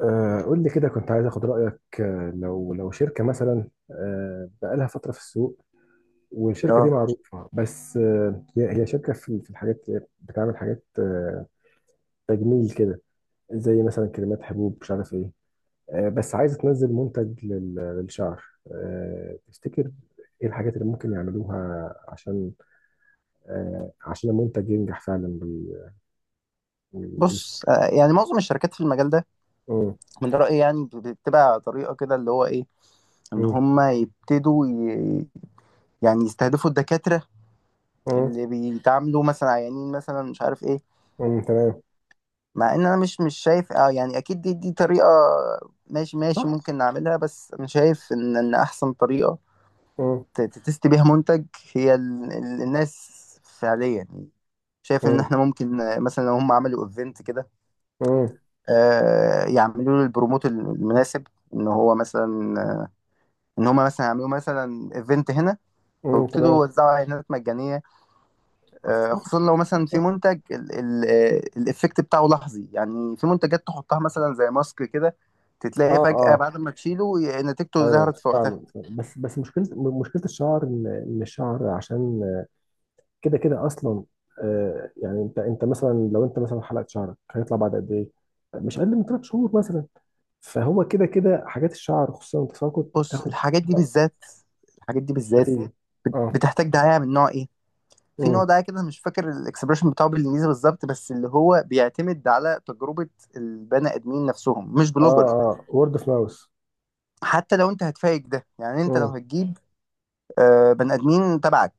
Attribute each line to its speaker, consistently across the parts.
Speaker 1: قول لي كده، كنت عايز اخد رايك. آه، لو لو شركه مثلا، بقالها فتره في السوق، والشركه دي
Speaker 2: اه.
Speaker 1: معروفه، بس هي شركه في الحاجات، بتعمل حاجات تجميل كده، زي مثلا كريمات، حبوب، مش عارف ايه. بس عايزه تنزل منتج للشعر. تفتكر ايه الحاجات اللي ممكن يعملوها عشان عشان المنتج ينجح فعلا، وي- وي-
Speaker 2: بص. معظم الشركات في المجال ده
Speaker 1: مم،
Speaker 2: من رأيي بتبقى طريقة كده اللي هو ايه، ان
Speaker 1: مم،
Speaker 2: هم يبتدوا ي... يعني يستهدفوا الدكاترة
Speaker 1: مم،
Speaker 2: اللي بيتعاملوا مثلا عيانين مثلا مش عارف ايه.
Speaker 1: مم، تمام.
Speaker 2: مع ان انا مش شايف اه يعني اكيد دي طريقة ماشي
Speaker 1: صح.
Speaker 2: ممكن نعملها، بس انا شايف ان احسن طريقة
Speaker 1: مم،
Speaker 2: تتست بيها منتج هي الناس فعليا، يعني شايف ان
Speaker 1: مم،
Speaker 2: احنا ممكن مثلا لو هم عملوا ايفنت كده،
Speaker 1: مم،
Speaker 2: يعملوا له البروموت المناسب. ان هو مثلا ان هما مثلا يعملوا مثلا ايفنت هنا،
Speaker 1: مم، تمام.
Speaker 2: ويبتدوا يوزعوا اعلانات مجانيه،
Speaker 1: اه.
Speaker 2: خصوصا لو مثلا في منتج الايفكت بتاعه لحظي. يعني في منتجات تحطها مثلا زي ماسك كده، تتلاقي فجاه
Speaker 1: اه.
Speaker 2: بعد ما تشيله نتيجته
Speaker 1: ايوه،
Speaker 2: ظهرت في وقتها.
Speaker 1: فاهم. بس مشكله، مشكله الشعر ان إن الشعر عشان كده كده اصلا آه، يعني انت مثلا لو انت مثلا حلقت شعرك هيطلع بعد قد ايه؟ مش اقل من ثلاث شهور مثلا، فهو كده كده حاجات الشعر خصوصا التساقط
Speaker 2: بص،
Speaker 1: بتاخد
Speaker 2: الحاجات دي بالذات
Speaker 1: نتيجه. اه.
Speaker 2: بتحتاج دعايه من نوع ايه؟ في نوع
Speaker 1: مم.
Speaker 2: دعاية كده مش فاكر الاكسبريشن بتاعه بالانجليزي بالظبط، بس اللي هو بيعتمد على تجربة البني ادمين نفسهم مش بلوجر.
Speaker 1: اه اه، وورد اوف ماوس.
Speaker 2: حتى لو انت هتفايق ده، يعني انت لو
Speaker 1: امم.
Speaker 2: هتجيب بني ادمين تبعك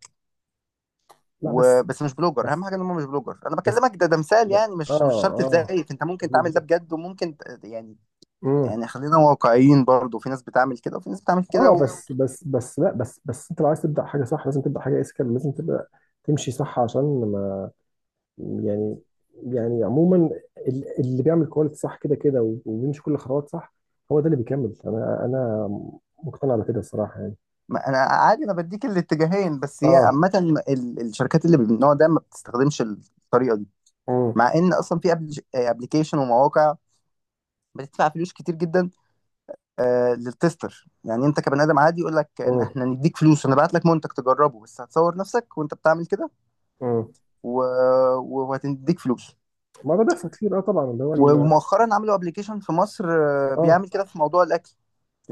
Speaker 1: لا
Speaker 2: وبس مش بلوجر،
Speaker 1: بس
Speaker 2: اهم حاجه ان هم مش بلوجر. انا
Speaker 1: بس
Speaker 2: بكلمك، ده مثال،
Speaker 1: ب-
Speaker 2: يعني مش شرط
Speaker 1: اه اه.
Speaker 2: تزيف، انت ممكن تعمل ده بجد وممكن يعني
Speaker 1: مم.
Speaker 2: يعني خلينا واقعيين، برضه في ناس بتعمل كده وفي ناس بتعمل كده
Speaker 1: اه
Speaker 2: و...
Speaker 1: بس لا بس انت لو عايز تبدا حاجه صح لازم تبدا حاجه اسكال، لازم تبدا تمشي صح عشان، ما، يعني، يعني عموما اللي بيعمل كواليتي صح كده كده وبيمشي كل الخطوات صح هو ده اللي بيكمل. انا مقتنع بكده الصراحه يعني.
Speaker 2: ما انا عادي انا بديك الاتجاهين، بس هي
Speaker 1: اه.
Speaker 2: عامه الشركات اللي من النوع ده ما بتستخدمش الطريقه دي.
Speaker 1: امم.
Speaker 2: مع ان اصلا في ابلكيشن ومواقع بتدفع فلوس كتير جدا آه للتستر، يعني انت كبني ادم عادي يقول لك إن
Speaker 1: امم.
Speaker 2: احنا هنديك فلوس، هنبعت لك منتج تجربه بس هتصور نفسك وانت بتعمل كده
Speaker 1: امم.
Speaker 2: و... وهتديك فلوس.
Speaker 1: ما ده بيحصل كتير، اه طبعا،
Speaker 2: ومؤخرا عملوا ابلكيشن في مصر
Speaker 1: اه
Speaker 2: بيعمل كده في موضوع الاكل،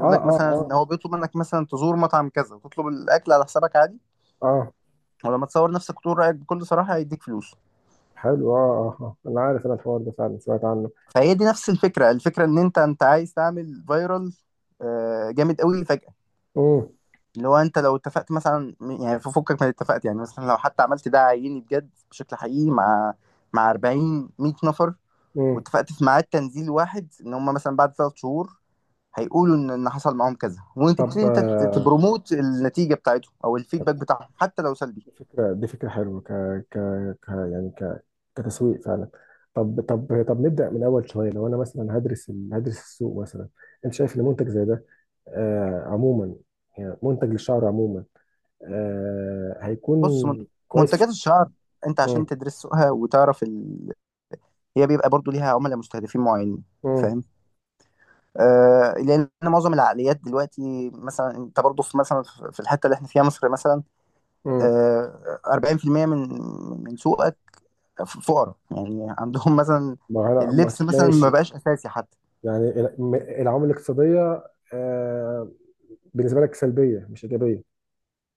Speaker 1: اه
Speaker 2: لك
Speaker 1: اه.
Speaker 2: مثلا إن
Speaker 1: اه.
Speaker 2: هو بيطلب منك مثلا تزور مطعم كذا وتطلب الاكل على حسابك عادي،
Speaker 1: اه.
Speaker 2: ولما تصور نفسك وتقول رايك بكل صراحه هيديك فلوس.
Speaker 1: حلو، اه اه، آه. انا عارف، انا الحوار ده فعلا سمعت عنه.
Speaker 2: فهي دي نفس الفكره. الفكره ان انت عايز تعمل فايرال جامد قوي فجاه،
Speaker 1: امم.
Speaker 2: اللي هو انت لو اتفقت مثلا، يعني في فكك من اتفقت، يعني مثلا لو حتى عملت ده عيني بجد بشكل حقيقي مع 40 100 نفر،
Speaker 1: امم.
Speaker 2: واتفقت في ميعاد تنزيل واحد ان هم مثلا بعد ثلاث شهور هيقولوا ان حصل معاهم كذا، وانت تبتدي
Speaker 1: طب
Speaker 2: انت
Speaker 1: آه،
Speaker 2: تبروموت النتيجه بتاعتهم او الفيدباك بتاعهم حتى لو سلبي.
Speaker 1: فكرة دي فكرة حلوة ك... ك... يعني ك... كتسويق فعلا. طب نبدأ من أول شوية، لو أنا مثلا هدرس السوق مثلا، أنت شايف إن منتج زي ده آه عموما، يعني منتج للشعر عموما آه،
Speaker 2: بص
Speaker 1: هيكون كويس؟
Speaker 2: منتجات الشعر، انت عشان
Speaker 1: مم.
Speaker 2: تدرس سوقها وتعرف ال... هي بيبقى برضو ليها عملاء مستهدفين معينين،
Speaker 1: مم.
Speaker 2: فاهم؟ آه لان معظم العقليات دلوقتي، مثلا انت برضو في مثلا في الحته اللي احنا فيها مصر مثلا،
Speaker 1: مم.
Speaker 2: 40% من من سوقك فقراء، يعني عندهم مثلا
Speaker 1: ما هلا،
Speaker 2: اللبس مثلا ما
Speaker 1: ماشي.
Speaker 2: بقاش اساسي حتى.
Speaker 1: يعني العوامل الاقتصادية آه، بالنسبة لك سلبية مش إيجابية.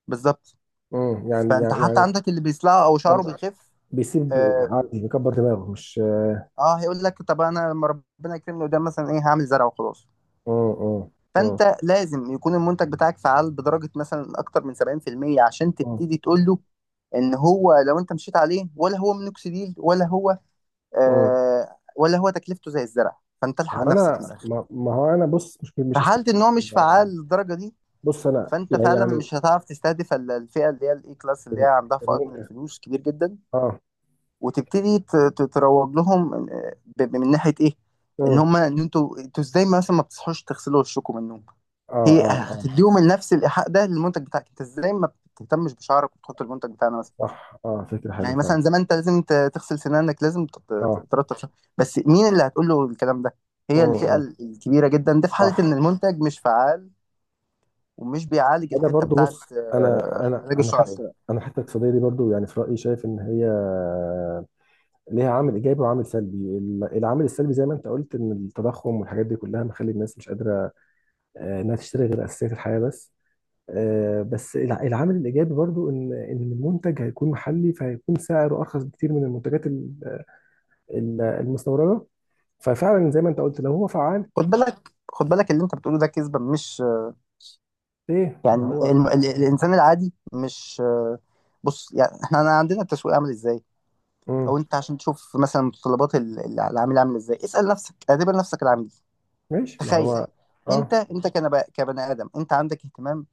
Speaker 2: بالظبط،
Speaker 1: مم. يعني
Speaker 2: فانت
Speaker 1: يعني
Speaker 2: حتى
Speaker 1: يعني.
Speaker 2: عندك اللي بيصلع او شعره
Speaker 1: طب،
Speaker 2: بيخف
Speaker 1: بيسيب
Speaker 2: اه.
Speaker 1: عادي، بيكبر دماغه مش.
Speaker 2: هيقول لك طب انا لما ربنا يكرمني قدام مثلا ايه هعمل زرع وخلاص.
Speaker 1: مم. مم. مم.
Speaker 2: فانت لازم يكون المنتج بتاعك فعال بدرجه مثلا اكتر من 70% عشان
Speaker 1: مم.
Speaker 2: تبتدي تقول له ان هو لو انت مشيت عليه ولا هو مينوكسيديل ولا هو
Speaker 1: مم.
Speaker 2: ولا هو تكلفته زي الزرع. فانت
Speaker 1: ما هو
Speaker 2: الحق نفسك من
Speaker 1: انا،
Speaker 2: الاخر،
Speaker 1: ما هو انا بص، مش
Speaker 2: في
Speaker 1: مش هستنى.
Speaker 2: حالة ان هو مش فعال للدرجة دي
Speaker 1: بص انا
Speaker 2: فانت
Speaker 1: يعني
Speaker 2: فعلا
Speaker 1: يعني،
Speaker 2: مش هتعرف تستهدف الفئة اللي هي الاي كلاس اللي هي
Speaker 1: إن
Speaker 2: عندها فائض من
Speaker 1: أنت-
Speaker 2: الفلوس كبير جدا،
Speaker 1: اه.
Speaker 2: وتبتدي تروج لهم، من ناحية ايه، ان
Speaker 1: مم.
Speaker 2: هم ان انتوا ازاي مثلا ما بتصحوش تغسلوا وشكم من النوم.
Speaker 1: اه
Speaker 2: هي
Speaker 1: اه اه،
Speaker 2: هتديهم نفس الايحاء ده للمنتج بتاعك، انت ازاي ما بتهتمش بشعرك وتحط المنتج بتاعنا مثلا.
Speaker 1: صح، اه فكره حلوه
Speaker 2: يعني
Speaker 1: فعلا.
Speaker 2: مثلا زمان انت لازم تغسل سنانك، لازم
Speaker 1: اه.
Speaker 2: ترطب شعرك، بس مين اللي هتقول له الكلام ده؟ هي
Speaker 1: مم.
Speaker 2: الفئة
Speaker 1: مم.
Speaker 2: الكبيرة جدا ده في حالة ان
Speaker 1: صح.
Speaker 2: المنتج مش فعال ومش بيعالج
Speaker 1: انا
Speaker 2: الحته
Speaker 1: برضو
Speaker 2: بتاعت
Speaker 1: بص، انا انا
Speaker 2: علاج
Speaker 1: انا
Speaker 2: الشعر يعني.
Speaker 1: حتى انا حتى الاقتصاديه دي برضو، يعني في رايي شايف ان هي ليها عامل ايجابي وعامل سلبي. العامل السلبي زي ما انت قلت ان التضخم والحاجات دي كلها مخلي الناس مش قادره آه، انها تشتري غير اساسيات الحياه بس. آه، بس العامل الايجابي برضو ان المنتج هيكون محلي فهيكون سعره ارخص بكتير من المنتجات المستورده، ففعلا زي ما انت قلت لو هو فعال.
Speaker 2: خد بالك، اللي انت بتقوله ده كذبه، مش
Speaker 1: ايه ما
Speaker 2: يعني
Speaker 1: هو.
Speaker 2: الانسان العادي مش بص يعني احنا أنا عندنا التسويق عامل ازاي، او
Speaker 1: امم.
Speaker 2: انت عشان تشوف مثلا متطلبات العميل عامل ازاي، اسال نفسك اعتبر نفسك العميل،
Speaker 1: ماشي ما
Speaker 2: تخيل
Speaker 1: هو. اه.
Speaker 2: انت كبني ادم انت عندك اهتمام،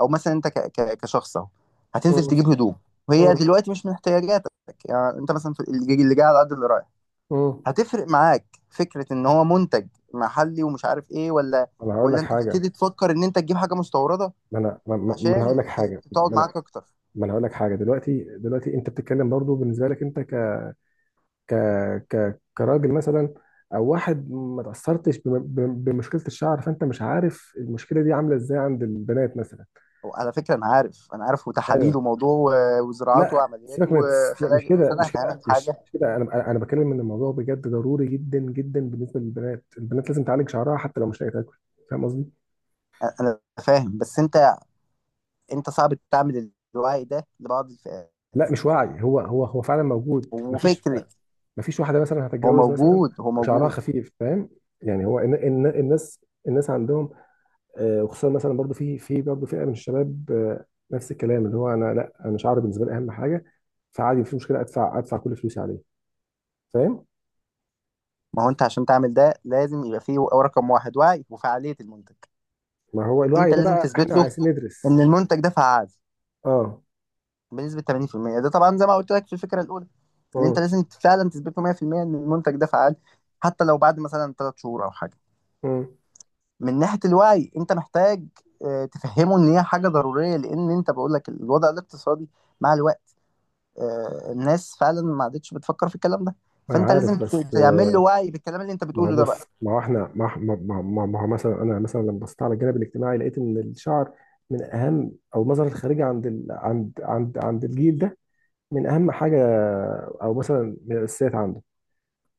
Speaker 2: او مثلا انت كشخص اهو هتنزل
Speaker 1: امم.
Speaker 2: تجيب هدوم، وهي
Speaker 1: امم.
Speaker 2: دلوقتي مش من احتياجاتك، يعني انت مثلا اللي جاي على قد اللي رايح،
Speaker 1: امم.
Speaker 2: هتفرق معاك فكرة ان هو منتج محلي ومش عارف ايه، ولا
Speaker 1: انا هقول
Speaker 2: ولا
Speaker 1: لك
Speaker 2: انت
Speaker 1: حاجه،
Speaker 2: تبتدي تفكر ان انت تجيب حاجة مستوردة
Speaker 1: ما انا، ما انا هقول
Speaker 2: عشان
Speaker 1: لك حاجه،
Speaker 2: تقعد
Speaker 1: ما انا
Speaker 2: معاك اكتر.
Speaker 1: ما انا هقول لك حاجه. دلوقتي، دلوقتي انت بتتكلم برضو بالنسبه لك انت، ك ك كراجل مثلا او واحد ما تاثرتش بمشكله الشعر، فانت مش عارف المشكله دي عامله ازاي عند البنات مثلا.
Speaker 2: على فكرة انا عارف
Speaker 1: ايوه.
Speaker 2: وتحاليل وموضوع وزراعات
Speaker 1: لا
Speaker 2: وعمليات
Speaker 1: سيبك من لا مش
Speaker 2: وخلايا، بس
Speaker 1: كده
Speaker 2: انا
Speaker 1: مش كده
Speaker 2: هفهمك
Speaker 1: مش
Speaker 2: حاجة،
Speaker 1: مش كده انا بتكلم ان الموضوع بجد ضروري جدا جدا بالنسبه للبنات. البنات لازم تعالج شعرها حتى لو مش لاقيه تاكل، فاهم قصدي.
Speaker 2: انا فاهم بس انت انت صعب تعمل الوعي ده لبعض الفئات.
Speaker 1: لا مش وعي، هو فعلا موجود. مفيش،
Speaker 2: وفكرة
Speaker 1: مفيش واحده مثلا هتتجوز مثلا
Speaker 2: هو
Speaker 1: وشعرها
Speaker 2: موجود.
Speaker 1: خفيف، فاهم. يعني هو إن الناس، الناس عندهم آه، وخصوصا مثلا برضو في برضو فئه من الشباب آه، نفس الكلام اللي هو انا، لا انا شعري بالنسبه لي اهم حاجه، فعادي مفيش مشكله ادفع كل فلوسي عليه، فاهم.
Speaker 2: ما هو انت عشان تعمل ده لازم يبقى فيه رقم واحد وعي وفعالية المنتج.
Speaker 1: ما هو الوعي
Speaker 2: انت
Speaker 1: ده
Speaker 2: لازم
Speaker 1: بقى
Speaker 2: تثبت
Speaker 1: احنا
Speaker 2: له
Speaker 1: عايزين ندرس.
Speaker 2: ان المنتج ده فعال
Speaker 1: اه.
Speaker 2: بنسبه 80%، ده طبعا زي ما قلت لك في الفكره الاولى ان انت
Speaker 1: امم.
Speaker 2: لازم فعلا تثبته 100% ان المنتج ده فعال حتى لو بعد مثلا 3 شهور او حاجه.
Speaker 1: امم.
Speaker 2: من ناحيه الوعي انت محتاج تفهمه ان هي حاجه ضروريه، لان انت بقول لك الوضع الاقتصادي مع الوقت، الناس فعلا ما عادتش بتفكر في الكلام ده،
Speaker 1: انا
Speaker 2: فانت لازم
Speaker 1: عارف بس
Speaker 2: تعمل له
Speaker 1: آه،
Speaker 2: وعي بالكلام اللي انت
Speaker 1: ما هو
Speaker 2: بتقوله ده بقى.
Speaker 1: بص، ما هو احنا ما هو مثلا انا مثلا لما بصيت على الجانب الاجتماعي لقيت ان الشعر من اهم، او النظره الخارجيه عند عند الجيل ده من اهم حاجه، او مثلا من الاساسيات عنده.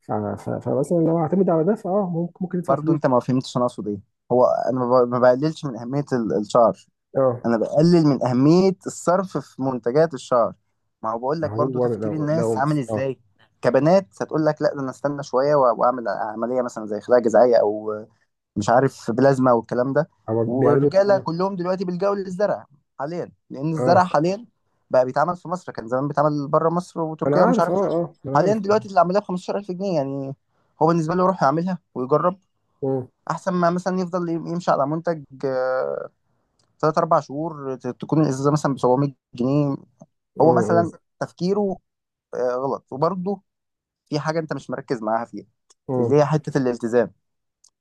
Speaker 1: فمثلا لو اعتمد على ده فاه ممكن يدفع
Speaker 2: برضه
Speaker 1: فلوس.
Speaker 2: انت ما فهمتش انا اقصد ايه، هو انا ما بقللش من اهميه الشعر،
Speaker 1: اه.
Speaker 2: انا بقلل من اهميه الصرف في منتجات الشعر. ما هو بقول لك برضو
Speaker 1: هو
Speaker 2: تفكير
Speaker 1: لو لو.
Speaker 2: الناس عامل
Speaker 1: اه.
Speaker 2: ازاي، كبنات هتقول لك لا ده انا استنى شويه واعمل عمليه مثلا زي خلايا جذعيه، او مش عارف بلازما والكلام ده.
Speaker 1: هو بيعملوا ده
Speaker 2: والرجاله
Speaker 1: اه.
Speaker 2: كلهم دلوقتي بيلجأوا للزرع حاليا، لان الزرع
Speaker 1: آه.
Speaker 2: حاليا بقى بيتعمل في مصر، كان زمان بيتعمل بره مصر
Speaker 1: انا
Speaker 2: وتركيا ومش
Speaker 1: عارف اه
Speaker 2: عارف ايه.
Speaker 1: اه، انا
Speaker 2: حاليا
Speaker 1: عارف اه.
Speaker 2: دلوقتي اللي عملها ب 15000 جنيه يعني هو بالنسبه له يروح يعملها ويجرب،
Speaker 1: اه
Speaker 2: احسن ما مثلا يفضل يمشي على منتج ثلاث اربع شهور تكون الازازه مثلا ب 700 جنيه. هو مثلا
Speaker 1: اه.
Speaker 2: تفكيره غلط، وبرضه في حاجه انت مش مركز معاها فيها
Speaker 1: اه.
Speaker 2: اللي هي حته الالتزام،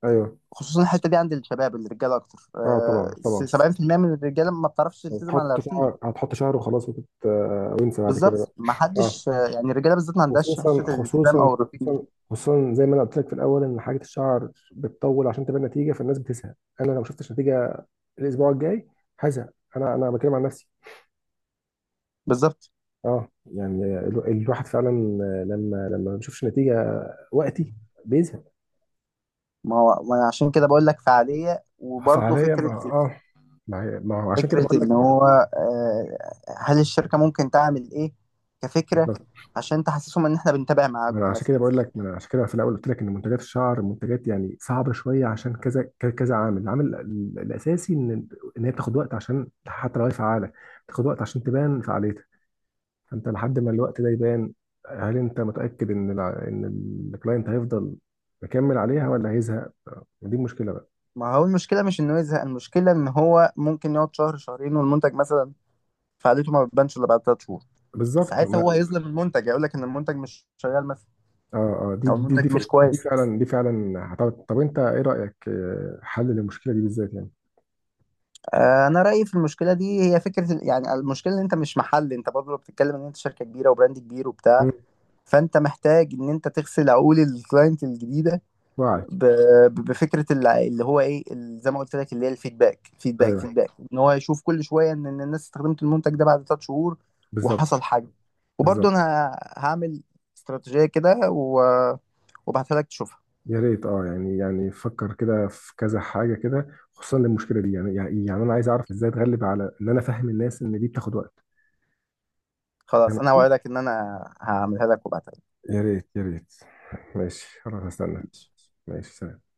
Speaker 1: ايوه.
Speaker 2: خصوصا الحته دي عند الشباب الرجاله اكتر.
Speaker 1: اه طبعا،
Speaker 2: 70% من الرجاله ما بتعرفش تلتزم على الروتين.
Speaker 1: هتحط شهر وخلاص آه، وانسى بعد كده
Speaker 2: بالظبط ما
Speaker 1: بقى. اه.
Speaker 2: حدش يعني الرجاله بالذات ما عندهاش
Speaker 1: خصوصا
Speaker 2: حته الالتزام
Speaker 1: خصوصا
Speaker 2: او الروتين دي.
Speaker 1: خصوصا خصوصا زي ما انا قلت لك في الاول ان حاجه الشعر بتطول عشان تبان نتيجه فالناس بتزهق. انا لو ما شفتش نتيجه الاسبوع الجاي هزهق. انا بتكلم عن نفسي.
Speaker 2: بالظبط.
Speaker 1: اه، يعني الواحد فعلا لما ما بيشوفش نتيجه وقتي بيزهق.
Speaker 2: ما هو ما أنا عشان كده بقول لك فعاليه وبرضه
Speaker 1: فعليا ما
Speaker 2: فكره.
Speaker 1: اه، ما ما هو عشان كده
Speaker 2: فكرة
Speaker 1: بقول
Speaker 2: إن
Speaker 1: لك.
Speaker 2: هو آه، هل الشركة ممكن تعمل إيه كفكرة
Speaker 1: بالظبط.
Speaker 2: عشان تحسسهم إن إحنا بنتابع
Speaker 1: ما انا
Speaker 2: معاكم
Speaker 1: عشان
Speaker 2: مثلا.
Speaker 1: كده بقول لك، ما انا عشان كده في الاول قلت لك ان منتجات الشعر منتجات يعني صعبه شويه عشان كذا كذا عامل، العامل الاساسي ان هي بتاخد وقت، عشان حتى لو هي فعاله بتاخد وقت عشان تبان فعاليتها، فانت لحد ما الوقت ده يبان هل انت متاكد ان ان الكلاينت هيفضل مكمل عليها ولا هيزهق؟ دي المشكله بقى.
Speaker 2: ما هو المشكلة مش إنه يزهق، المشكلة إن هو ممكن يقعد شهر شهرين والمنتج مثلا فعاليته ما بتبانش إلا بعد تلات شهور،
Speaker 1: بالظبط.
Speaker 2: ساعتها هو هيظلم المنتج يقول لك إن المنتج مش شغال مثلا
Speaker 1: اه. اه
Speaker 2: أو المنتج مش
Speaker 1: دي
Speaker 2: كويس.
Speaker 1: فعلا دي فعلا. طب انت ايه رأيك آه، حل للمشكلة دي بالذات يعني.
Speaker 2: أنا رأيي في المشكلة دي هي فكرة ال- يعني المشكلة إن أنت مش محل، أنت برضه بتتكلم إن أنت شركة كبيرة وبراند كبير وبتاع،
Speaker 1: مم.
Speaker 2: فأنت محتاج إن أنت تغسل عقول الكلاينت الجديدة
Speaker 1: وعي.
Speaker 2: ب- بفكره اللي هو ايه ال- زي ما قلت لك اللي هي الفيدباك فيدباك
Speaker 1: ايوه،
Speaker 2: فيدباك ان هو يشوف كل شويه ان إن الناس استخدمت المنتج ده بعد ثلاث شهور
Speaker 1: بالظبط.
Speaker 2: وحصل حاجه. وبرضه
Speaker 1: بالظبط.
Speaker 2: انا هعمل استراتيجيه كده وابعتها لك تشوفها.
Speaker 1: يا ريت، اه يعني، يعني فكر كده في كذا حاجة كده، خصوصا للمشكلة دي، يعني يعني يعني انا عايز اعرف ازاي اتغلب على ان انا افهم الناس ان دي بتاخد وقت. فاهم
Speaker 2: خلاص انا
Speaker 1: قصدي؟
Speaker 2: اوعدك ان انا هعملها لك وابعتها لك.
Speaker 1: يا ريت. ماشي خلاص هستنى.
Speaker 2: ماشي.
Speaker 1: ماشي، سلام.